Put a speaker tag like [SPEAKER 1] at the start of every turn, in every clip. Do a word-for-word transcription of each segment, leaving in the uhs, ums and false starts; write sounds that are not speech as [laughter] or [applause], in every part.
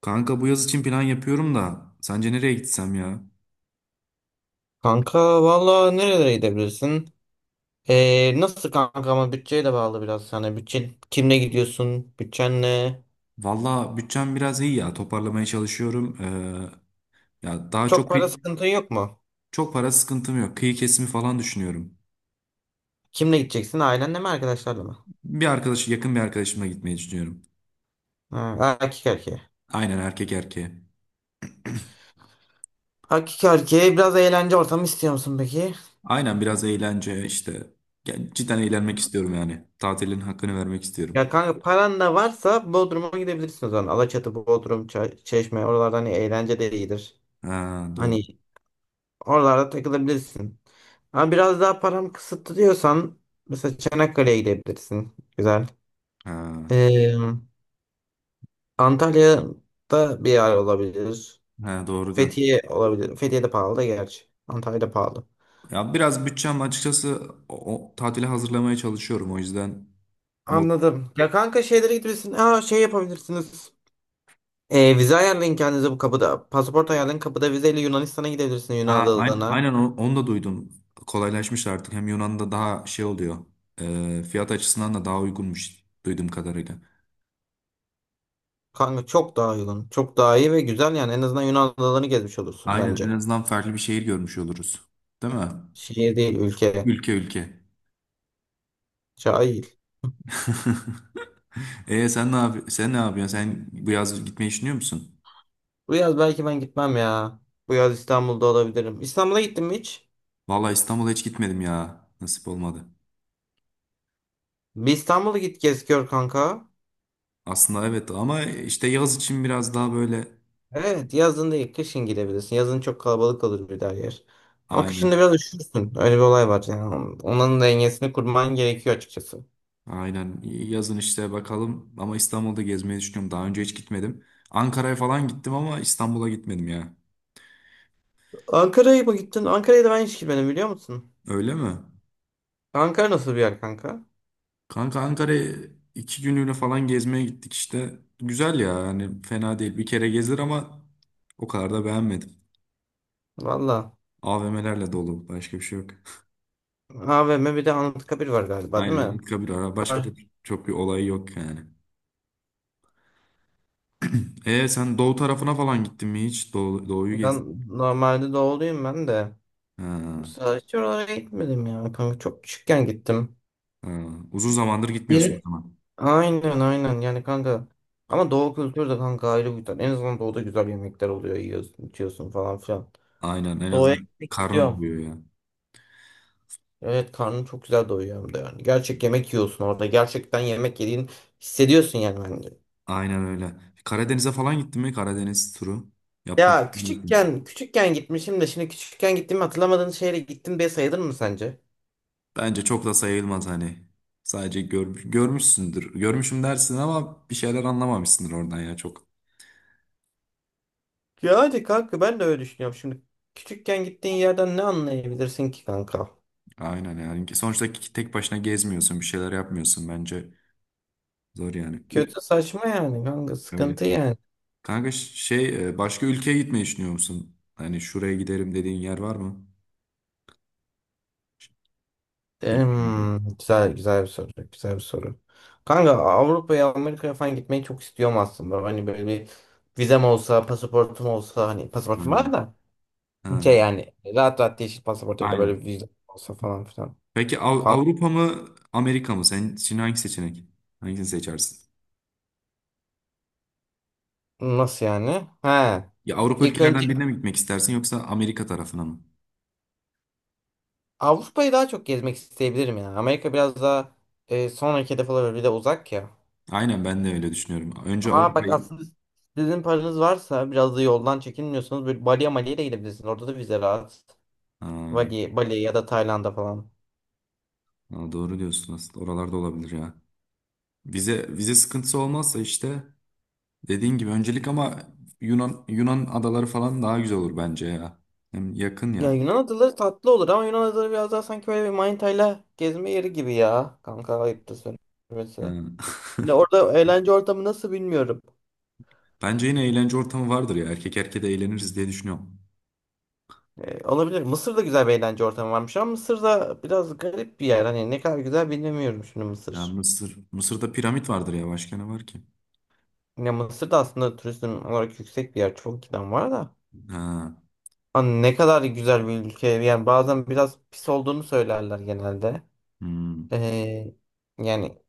[SPEAKER 1] Kanka bu yaz için plan yapıyorum da sence nereye gitsem ya?
[SPEAKER 2] Kanka valla nerelere gidebilirsin? Ee, nasıl kanka ama bütçeye de bağlı biraz. Hani bütçe kimle gidiyorsun? Bütçen ne?
[SPEAKER 1] Valla bütçem biraz iyi ya, toparlamaya çalışıyorum. Ee, ya daha çok
[SPEAKER 2] Çok para sıkıntın yok mu?
[SPEAKER 1] çok para sıkıntım yok. Kıyı kesimi falan düşünüyorum.
[SPEAKER 2] Kimle gideceksin? Ailenle mi arkadaşlarla mı?
[SPEAKER 1] Bir arkadaş Yakın bir arkadaşımla gitmeyi düşünüyorum.
[SPEAKER 2] Ha, Erkek erkeğe.
[SPEAKER 1] Aynen, erkek erkeğe.
[SPEAKER 2] Erkek erkeğe biraz eğlence ortamı istiyor musun peki?
[SPEAKER 1] Aynen, biraz eğlence işte. Ya cidden eğlenmek istiyorum yani. Tatilin hakkını vermek istiyorum.
[SPEAKER 2] Ya kanka paran da varsa Bodrum'a gidebilirsin o zaman. Alaçatı, Bodrum, Ça- Çeşme oralarda hani eğlence de iyidir.
[SPEAKER 1] Ha, doğru.
[SPEAKER 2] Hani oralarda takılabilirsin. Ama biraz daha param kısıtlı diyorsan mesela Çanakkale'ye gidebilirsin. Güzel.
[SPEAKER 1] Ha,
[SPEAKER 2] Ee, Antalya'da bir yer olabilir.
[SPEAKER 1] ha, doğru diyorsun.
[SPEAKER 2] Fethiye olabilir. Fethiye de pahalı da gerçi. Antalya da pahalı.
[SPEAKER 1] Ya biraz bütçem açıkçası, o, o tatile hazırlamaya çalışıyorum o yüzden.
[SPEAKER 2] Anladım. Ya kanka şeylere gidebilirsiniz. Aa şey yapabilirsiniz. Ee, vize ayarlayın kendinize bu kapıda. Pasaport ayarlayın kapıda vizeyle Yunanistan'a gidebilirsiniz Yunan
[SPEAKER 1] Ha, ayn-
[SPEAKER 2] adalarına.
[SPEAKER 1] aynen, onu, onu da duydum. Kolaylaşmış artık. Hem Yunan'da daha şey oluyor. E, fiyat açısından da daha uygunmuş duyduğum kadarıyla.
[SPEAKER 2] Kanka çok daha uygun. Çok daha iyi ve güzel yani. En azından Yunan adalarını gezmiş olursun
[SPEAKER 1] Aynen, en
[SPEAKER 2] bence.
[SPEAKER 1] azından farklı bir şehir görmüş oluruz. Değil mi?
[SPEAKER 2] Şehir değil ülke.
[SPEAKER 1] Ülke ülke.
[SPEAKER 2] Cahil.
[SPEAKER 1] [laughs] E sen ne yap sen ne yapıyorsun? Sen bu yaz gitmeyi düşünüyor musun?
[SPEAKER 2] Bu yaz belki ben gitmem ya. Bu yaz İstanbul'da olabilirim. İstanbul'a gittin mi hiç?
[SPEAKER 1] Vallahi İstanbul'a hiç gitmedim ya. Nasip olmadı.
[SPEAKER 2] Bir İstanbul'a git gez gör kanka.
[SPEAKER 1] Aslında evet, ama işte yaz için biraz daha böyle
[SPEAKER 2] Evet yazın değil kışın gidebilirsin. Yazın çok kalabalık olur bir daha yer. Ama kışın da
[SPEAKER 1] aynen.
[SPEAKER 2] biraz üşürsün. Öyle bir olay var yani. Onun dengesini kurman gerekiyor açıkçası.
[SPEAKER 1] Aynen. Yazın işte bakalım. Ama İstanbul'da gezmeyi düşünüyorum. Daha önce hiç gitmedim. Ankara'ya falan gittim ama İstanbul'a gitmedim ya.
[SPEAKER 2] Ankara'ya mı gittin? Ankara'ya da ben hiç gitmedim biliyor musun?
[SPEAKER 1] Öyle mi?
[SPEAKER 2] Ankara nasıl bir yer kanka?
[SPEAKER 1] Kanka Ankara'ya iki günlüğüne falan gezmeye gittik işte. Güzel ya. Yani fena değil. Bir kere gezilir ama o kadar da beğenmedim.
[SPEAKER 2] Valla.
[SPEAKER 1] A V M'lerle dolu. Başka bir şey yok. [laughs]
[SPEAKER 2] A V M bir de Anıtkabir var galiba değil
[SPEAKER 1] Aynen.
[SPEAKER 2] mi?
[SPEAKER 1] Anıtkabir ara. Başka da
[SPEAKER 2] Var.
[SPEAKER 1] çok bir olay yok yani. E sen doğu tarafına falan gittin mi hiç? Doğu, doğuyu
[SPEAKER 2] Ben
[SPEAKER 1] gezdin.
[SPEAKER 2] normalde doğuluyum ben de. Bu
[SPEAKER 1] Ha,
[SPEAKER 2] sefer hiç oralara gitmedim ya kanka. Çok küçükken gittim.
[SPEAKER 1] ha. Uzun zamandır gitmiyorsun o
[SPEAKER 2] Benim
[SPEAKER 1] zaman.
[SPEAKER 2] Aynen aynen yani kanka. Ama doğu kültürü de kanka ayrı bir güzel. En azından doğuda güzel yemekler oluyor. Yiyorsun, içiyorsun falan filan.
[SPEAKER 1] Aynen. En
[SPEAKER 2] Doğuya
[SPEAKER 1] azından
[SPEAKER 2] gitmek
[SPEAKER 1] karnın
[SPEAKER 2] istiyorum.
[SPEAKER 1] doyuyor ya.
[SPEAKER 2] Evet karnım çok güzel doyuyor hem de yani. Gerçek yemek yiyorsun orada. Gerçekten yemek yediğini hissediyorsun yani bence.
[SPEAKER 1] Aynen öyle. Karadeniz'e falan gittin mi? Karadeniz turu yapmak
[SPEAKER 2] Ya
[SPEAKER 1] ister misin?
[SPEAKER 2] küçükken küçükken gitmişim de şimdi küçükken gittiğimi hatırlamadığın şehre gittim diye sayılır mı sence?
[SPEAKER 1] Bence çok da sayılmaz hani. Sadece görmüş, görmüşsündür. Görmüşüm dersin ama bir şeyler anlamamışsındır oradan ya çok.
[SPEAKER 2] Yani kanka ben de öyle düşünüyorum. Şimdi küçükken gittiğin yerden ne anlayabilirsin ki kanka?
[SPEAKER 1] Aynen yani. Sonuçta ki- tek başına gezmiyorsun, bir şeyler yapmıyorsun bence. Zor yani. Ü-
[SPEAKER 2] Kötü saçma yani kanka
[SPEAKER 1] Öyle.
[SPEAKER 2] sıkıntı yani.
[SPEAKER 1] Kanka ş- şey e, başka ülkeye gitmeyi düşünüyor musun? Hani şuraya giderim dediğin yer var mı? Bilmiyorum.
[SPEAKER 2] Em, güzel güzel bir soru. Güzel bir soru. Kanka Avrupa'ya Amerika'ya falan gitmeyi çok istiyorum aslında. Hani böyle bir vizem olsa, pasaportum olsa hani
[SPEAKER 1] Ha.
[SPEAKER 2] pasaportum var da
[SPEAKER 1] Ha.
[SPEAKER 2] şey yani rahat rahat yeşil pasaport ya da böyle
[SPEAKER 1] Aynen.
[SPEAKER 2] bir vize olsa falan filan.
[SPEAKER 1] Peki Av-
[SPEAKER 2] Kanka
[SPEAKER 1] Avrupa mı, Amerika mı? Sen için hangi seçenek? Hangisini seçersin?
[SPEAKER 2] nasıl yani? He.
[SPEAKER 1] Ya Avrupa
[SPEAKER 2] İlk önce
[SPEAKER 1] ülkelerinden birine mi gitmek istersin, yoksa Amerika tarafına mı?
[SPEAKER 2] Avrupa'yı daha çok gezmek isteyebilirim ya. Amerika biraz daha e, sonraki hedef olabilir. Bir de uzak ya.
[SPEAKER 1] Aynen, ben de öyle düşünüyorum. Önce
[SPEAKER 2] Aa bak
[SPEAKER 1] Avrupa'yı.
[SPEAKER 2] aslında sizin paranız varsa biraz da yoldan çekinmiyorsanız böyle Bali'ye Mali'ye de gidebilirsiniz. Orada da vize rahat.
[SPEAKER 1] Ha,
[SPEAKER 2] Bali, Bali ya da Tayland'a falan.
[SPEAKER 1] ha, doğru diyorsun aslında. Oralarda olabilir ya. Vize vize sıkıntısı olmazsa işte, dediğin gibi öncelik ama Yunan Yunan adaları falan daha güzel olur bence ya. Hem yakın
[SPEAKER 2] Ya
[SPEAKER 1] ya.
[SPEAKER 2] Yunan adaları tatlı olur ama Yunan adaları biraz daha sanki böyle bir manitayla gezme yeri gibi ya. Kanka ayıptır
[SPEAKER 1] Ha.
[SPEAKER 2] söylemesi. Ya
[SPEAKER 1] [laughs]
[SPEAKER 2] orada eğlence ortamı nasıl bilmiyorum.
[SPEAKER 1] Bence yine eğlence ortamı vardır ya. Erkek erkeğe de eğleniriz diye düşünüyorum.
[SPEAKER 2] Ee, olabilir. Mısır'da güzel bir eğlence ortamı varmış ama Mısır'da biraz garip bir yer. Hani ne kadar güzel bilmiyorum şimdi
[SPEAKER 1] Ya
[SPEAKER 2] Mısır.
[SPEAKER 1] Mısır Mısır'da piramit vardır ya. Başka ne var ki?
[SPEAKER 2] Ya Mısır da aslında turizm olarak yüksek bir yer. Çok giden var da.
[SPEAKER 1] Ha.
[SPEAKER 2] Hani ne kadar güzel bir ülke. Yani bazen biraz pis olduğunu söylerler genelde.
[SPEAKER 1] Hmm.
[SPEAKER 2] Ee, yani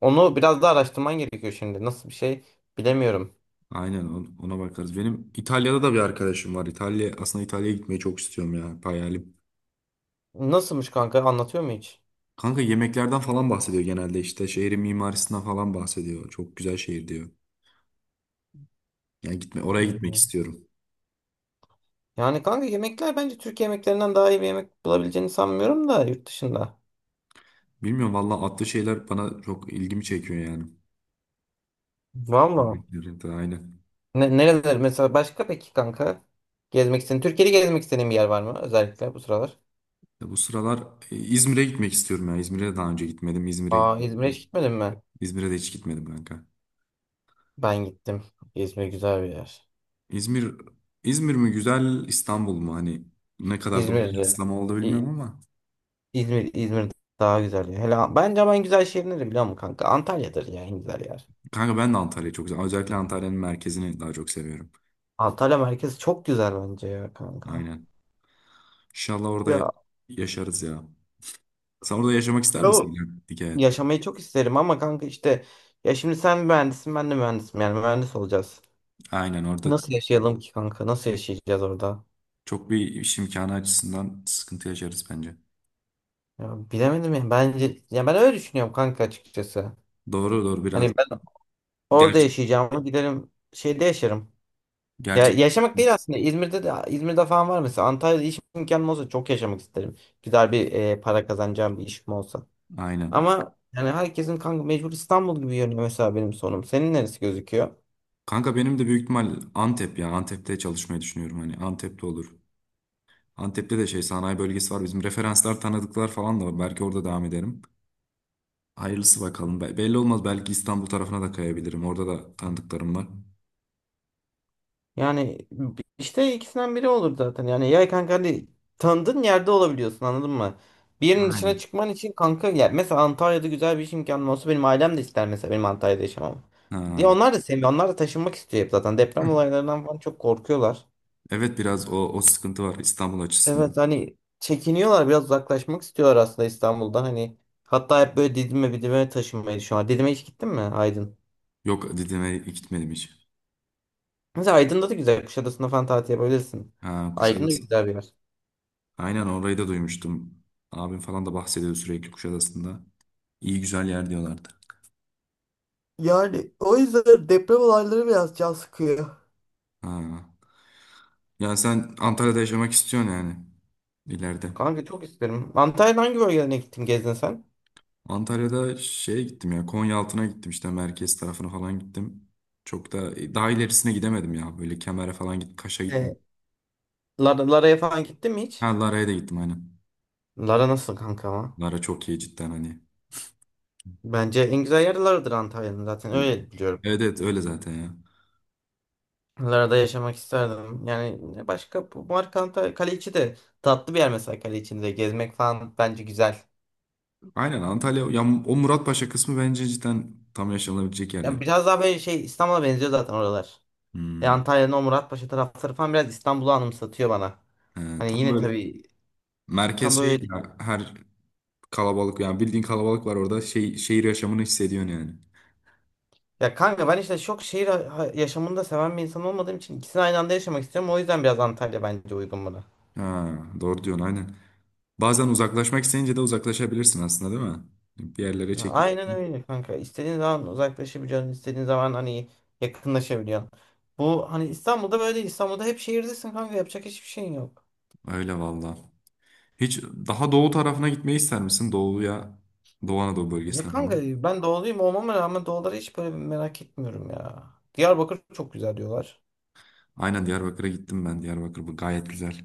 [SPEAKER 2] Onu biraz daha araştırman gerekiyor şimdi. Nasıl bir şey bilemiyorum.
[SPEAKER 1] Aynen, on- ona bakarız. Benim İtalya'da da bir arkadaşım var. İtalya aslında İtalya'ya gitmeyi çok istiyorum ya. Hayalim.
[SPEAKER 2] Nasılmış kanka anlatıyor mu hiç?
[SPEAKER 1] Kanka yemeklerden falan bahsediyor genelde, işte şehrin mimarisinden falan bahsediyor. Çok güzel şehir diyor. Yani gitme oraya gitmek
[SPEAKER 2] Yani
[SPEAKER 1] istiyorum.
[SPEAKER 2] Yani kanka yemekler bence Türkiye yemeklerinden daha iyi bir yemek bulabileceğini sanmıyorum da yurt dışında.
[SPEAKER 1] Bilmiyorum valla, atlı şeyler bana çok ilgimi çekiyor yani.
[SPEAKER 2] Valla.
[SPEAKER 1] Bekliyorum da aynen.
[SPEAKER 2] Ne, nereler mesela başka peki kanka? Gezmek istediğin, Türkiye'de gezmek istediğin bir yer var mı özellikle bu sıralar?
[SPEAKER 1] Ya bu sıralar e, İzmir'e gitmek istiyorum ya. İzmir'e daha önce gitmedim. İzmir'e
[SPEAKER 2] Aa
[SPEAKER 1] gitmek
[SPEAKER 2] İzmir'e hiç
[SPEAKER 1] istiyorum.
[SPEAKER 2] gitmedin mi?
[SPEAKER 1] İzmir'e de hiç gitmedim kanka.
[SPEAKER 2] Ben gittim. İzmir güzel bir yer.
[SPEAKER 1] İzmir İzmir mi güzel, İstanbul mu, hani ne kadar doğru
[SPEAKER 2] İzmir,
[SPEAKER 1] kıyaslama oldu
[SPEAKER 2] İ-
[SPEAKER 1] bilmiyorum ama.
[SPEAKER 2] İzmir, İzmir daha güzel. Ya. Hele bence ama en güzel şehir nedir biliyor musun kanka? Antalya'dır ya en güzel yer.
[SPEAKER 1] Kanka ben de Antalya'yı çok seviyorum. Özellikle Antalya'nın merkezini daha çok seviyorum.
[SPEAKER 2] Antalya merkez çok güzel bence ya kanka.
[SPEAKER 1] Aynen. İnşallah orada
[SPEAKER 2] Ya
[SPEAKER 1] yaşarız ya. Sen orada yaşamak ister
[SPEAKER 2] ama
[SPEAKER 1] misin ya? Dikkat.
[SPEAKER 2] yaşamayı çok isterim ama kanka işte ya şimdi sen mühendisin ben de mühendisim yani mühendis olacağız.
[SPEAKER 1] Aynen, orada
[SPEAKER 2] Nasıl yaşayalım ki kanka? Nasıl yaşayacağız orada?
[SPEAKER 1] çok bir iş imkanı açısından sıkıntı yaşarız bence.
[SPEAKER 2] Ya bilemedim ya. Bence ya ben öyle düşünüyorum kanka açıkçası.
[SPEAKER 1] Doğru, doğru biraz.
[SPEAKER 2] Hani ben orada
[SPEAKER 1] Gerçek.
[SPEAKER 2] yaşayacağımı giderim şeyde yaşarım. Ya
[SPEAKER 1] Gerçek.
[SPEAKER 2] yaşamak değil aslında. İzmir'de de İzmir'de falan var mesela. Antalya'da iş imkanım olsa çok yaşamak isterim. Güzel bir e, para kazanacağım bir işim olsa.
[SPEAKER 1] Aynen.
[SPEAKER 2] Ama yani herkesin kanka mecbur İstanbul gibi görünüyor mesela benim sonum. Senin neresi gözüküyor?
[SPEAKER 1] Kanka benim de büyük ihtimal Antep ya. Antep'te çalışmayı düşünüyorum. Hani Antep'te olur. Antep'te de şey, sanayi bölgesi var. Bizim referanslar, tanıdıklar falan da var. Belki orada devam ederim. Hayırlısı bakalım. Be- belli olmaz. Belki İstanbul tarafına da kayabilirim. Orada da tanıdıklarım var.
[SPEAKER 2] Yani b- işte ikisinden biri olur zaten. Yani ya kanka hani tanıdığın yerde olabiliyorsun anladın mı? Bir yerin dışına
[SPEAKER 1] Aynen.
[SPEAKER 2] çıkman için kanka ya mesela Antalya'da güzel bir iş imkanım olsa benim ailem de ister mesela benim Antalya'da yaşamam. Diye
[SPEAKER 1] Ha.
[SPEAKER 2] onlar da seviyor. Onlar da taşınmak istiyor hep zaten. Deprem olaylarından falan çok korkuyorlar.
[SPEAKER 1] Evet, biraz o, o sıkıntı var İstanbul açısından.
[SPEAKER 2] Evet hani çekiniyorlar biraz uzaklaşmak istiyorlar aslında İstanbul'dan. Hani hatta hep böyle Didim'e Didim'e taşınmayı düşünüyorlar. Didim'e hiç gittin mi Aydın?
[SPEAKER 1] Yok, Didim'e gitmedim hiç.
[SPEAKER 2] Mesela Aydın'da da güzel. Kuşadası'nda falan tatil yapabilirsin.
[SPEAKER 1] Ha,
[SPEAKER 2] Aydın da
[SPEAKER 1] Kuşadası.
[SPEAKER 2] güzel bir yer.
[SPEAKER 1] Aynen, orayı da duymuştum. Abim falan da bahsediyor sürekli Kuşadası'nda. İyi güzel yer diyorlardı.
[SPEAKER 2] Yani o yüzden deprem olayları biraz can sıkıyor.
[SPEAKER 1] Ha. Yani sen Antalya'da yaşamak istiyorsun yani ileride.
[SPEAKER 2] Kanka çok isterim. Antalya'da hangi bölgelerine gittin gezdin sen?
[SPEAKER 1] Antalya'da şeye gittim ya, Konyaaltı'na gittim, işte merkez tarafına falan gittim. Çok da e, daha ilerisine gidemedim ya, böyle Kemer'e falan git, Kaş'a
[SPEAKER 2] E,
[SPEAKER 1] gittim.
[SPEAKER 2] Lara, Lara'ya falan gittin mi
[SPEAKER 1] Ha,
[SPEAKER 2] hiç?
[SPEAKER 1] Lara'ya da gittim aynen.
[SPEAKER 2] Lara nasıl kanka ama?
[SPEAKER 1] Lara çok iyi cidden hani.
[SPEAKER 2] Bence en güzel yer Lara'dır Antalya'nın zaten öyle biliyorum ben.
[SPEAKER 1] Evet, evet, öyle zaten ya.
[SPEAKER 2] Lara'da yaşamak isterdim. Yani ne başka bu marka Antalya Kaleiçi de tatlı bir yer mesela Kaleiçi'nde gezmek falan bence güzel.
[SPEAKER 1] Aynen, Antalya ya, o Muratpaşa kısmı bence cidden tam yaşanabilecek yerler.
[SPEAKER 2] Yani biraz daha böyle şey İstanbul'a benziyor zaten oralar. E,
[SPEAKER 1] Hmm.
[SPEAKER 2] Antalya'nın o Muratpaşa tarafları falan biraz İstanbul'u anımsatıyor bana.
[SPEAKER 1] Ee,
[SPEAKER 2] Hani
[SPEAKER 1] tam
[SPEAKER 2] yine
[SPEAKER 1] böyle
[SPEAKER 2] tabii tam
[SPEAKER 1] merkez şey
[SPEAKER 2] böyle değil.
[SPEAKER 1] ya, her kalabalık, yani bildiğin kalabalık var orada, şey, şehir yaşamını hissediyorsun yani.
[SPEAKER 2] Ya kanka ben işte çok şehir ha- ha- yaşamını da seven bir insan olmadığım için ikisini aynı anda yaşamak istiyorum. O yüzden biraz Antalya bence uygun buna.
[SPEAKER 1] Ha, doğru diyorsun aynen. Bazen uzaklaşmak isteyince de uzaklaşabilirsin aslında değil mi? Bir yerlere
[SPEAKER 2] Ya aynen
[SPEAKER 1] çekilirsin.
[SPEAKER 2] öyle kanka. İstediğin zaman uzaklaşabiliyorsun. İstediğin zaman hani yakınlaşabiliyorsun. Bu hani İstanbul'da böyle değil. İstanbul'da hep şehirdesin kanka. Yapacak hiçbir şeyin yok.
[SPEAKER 1] Öyle valla. Hiç daha doğu tarafına gitmeyi ister misin? Doğuya, Doğu Anadolu
[SPEAKER 2] Ya
[SPEAKER 1] bölgesine falan.
[SPEAKER 2] kanka ben doğuluyum olmama rağmen doğuları hiç böyle merak etmiyorum ya. Diyarbakır çok güzel diyorlar.
[SPEAKER 1] Aynen, Diyarbakır'a gittim ben. Diyarbakır bu gayet güzel.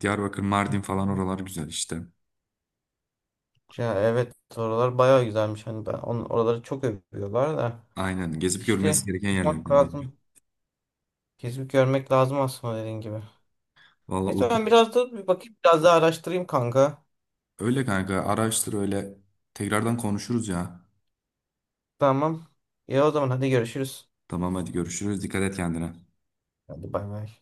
[SPEAKER 1] Diyarbakır, Mardin falan, oralar güzel işte.
[SPEAKER 2] Ya evet oralar bayağı güzelmiş. Hani ben on, oraları çok övüyorlar da.
[SPEAKER 1] Aynen. Gezip
[SPEAKER 2] İşte
[SPEAKER 1] görülmesi gereken
[SPEAKER 2] bakmak
[SPEAKER 1] yerlerden bence.
[SPEAKER 2] lazım. Gezip görmek lazım aslında dediğin gibi.
[SPEAKER 1] Valla
[SPEAKER 2] Neyse ben
[SPEAKER 1] Urfa.
[SPEAKER 2] biraz da bir bakayım biraz daha araştırayım kanka.
[SPEAKER 1] Öyle kanka. Araştır öyle. Tekrardan konuşuruz ya.
[SPEAKER 2] Tamam. İyi o zaman hadi görüşürüz.
[SPEAKER 1] Tamam, hadi görüşürüz. Dikkat et kendine.
[SPEAKER 2] Hadi bay bay.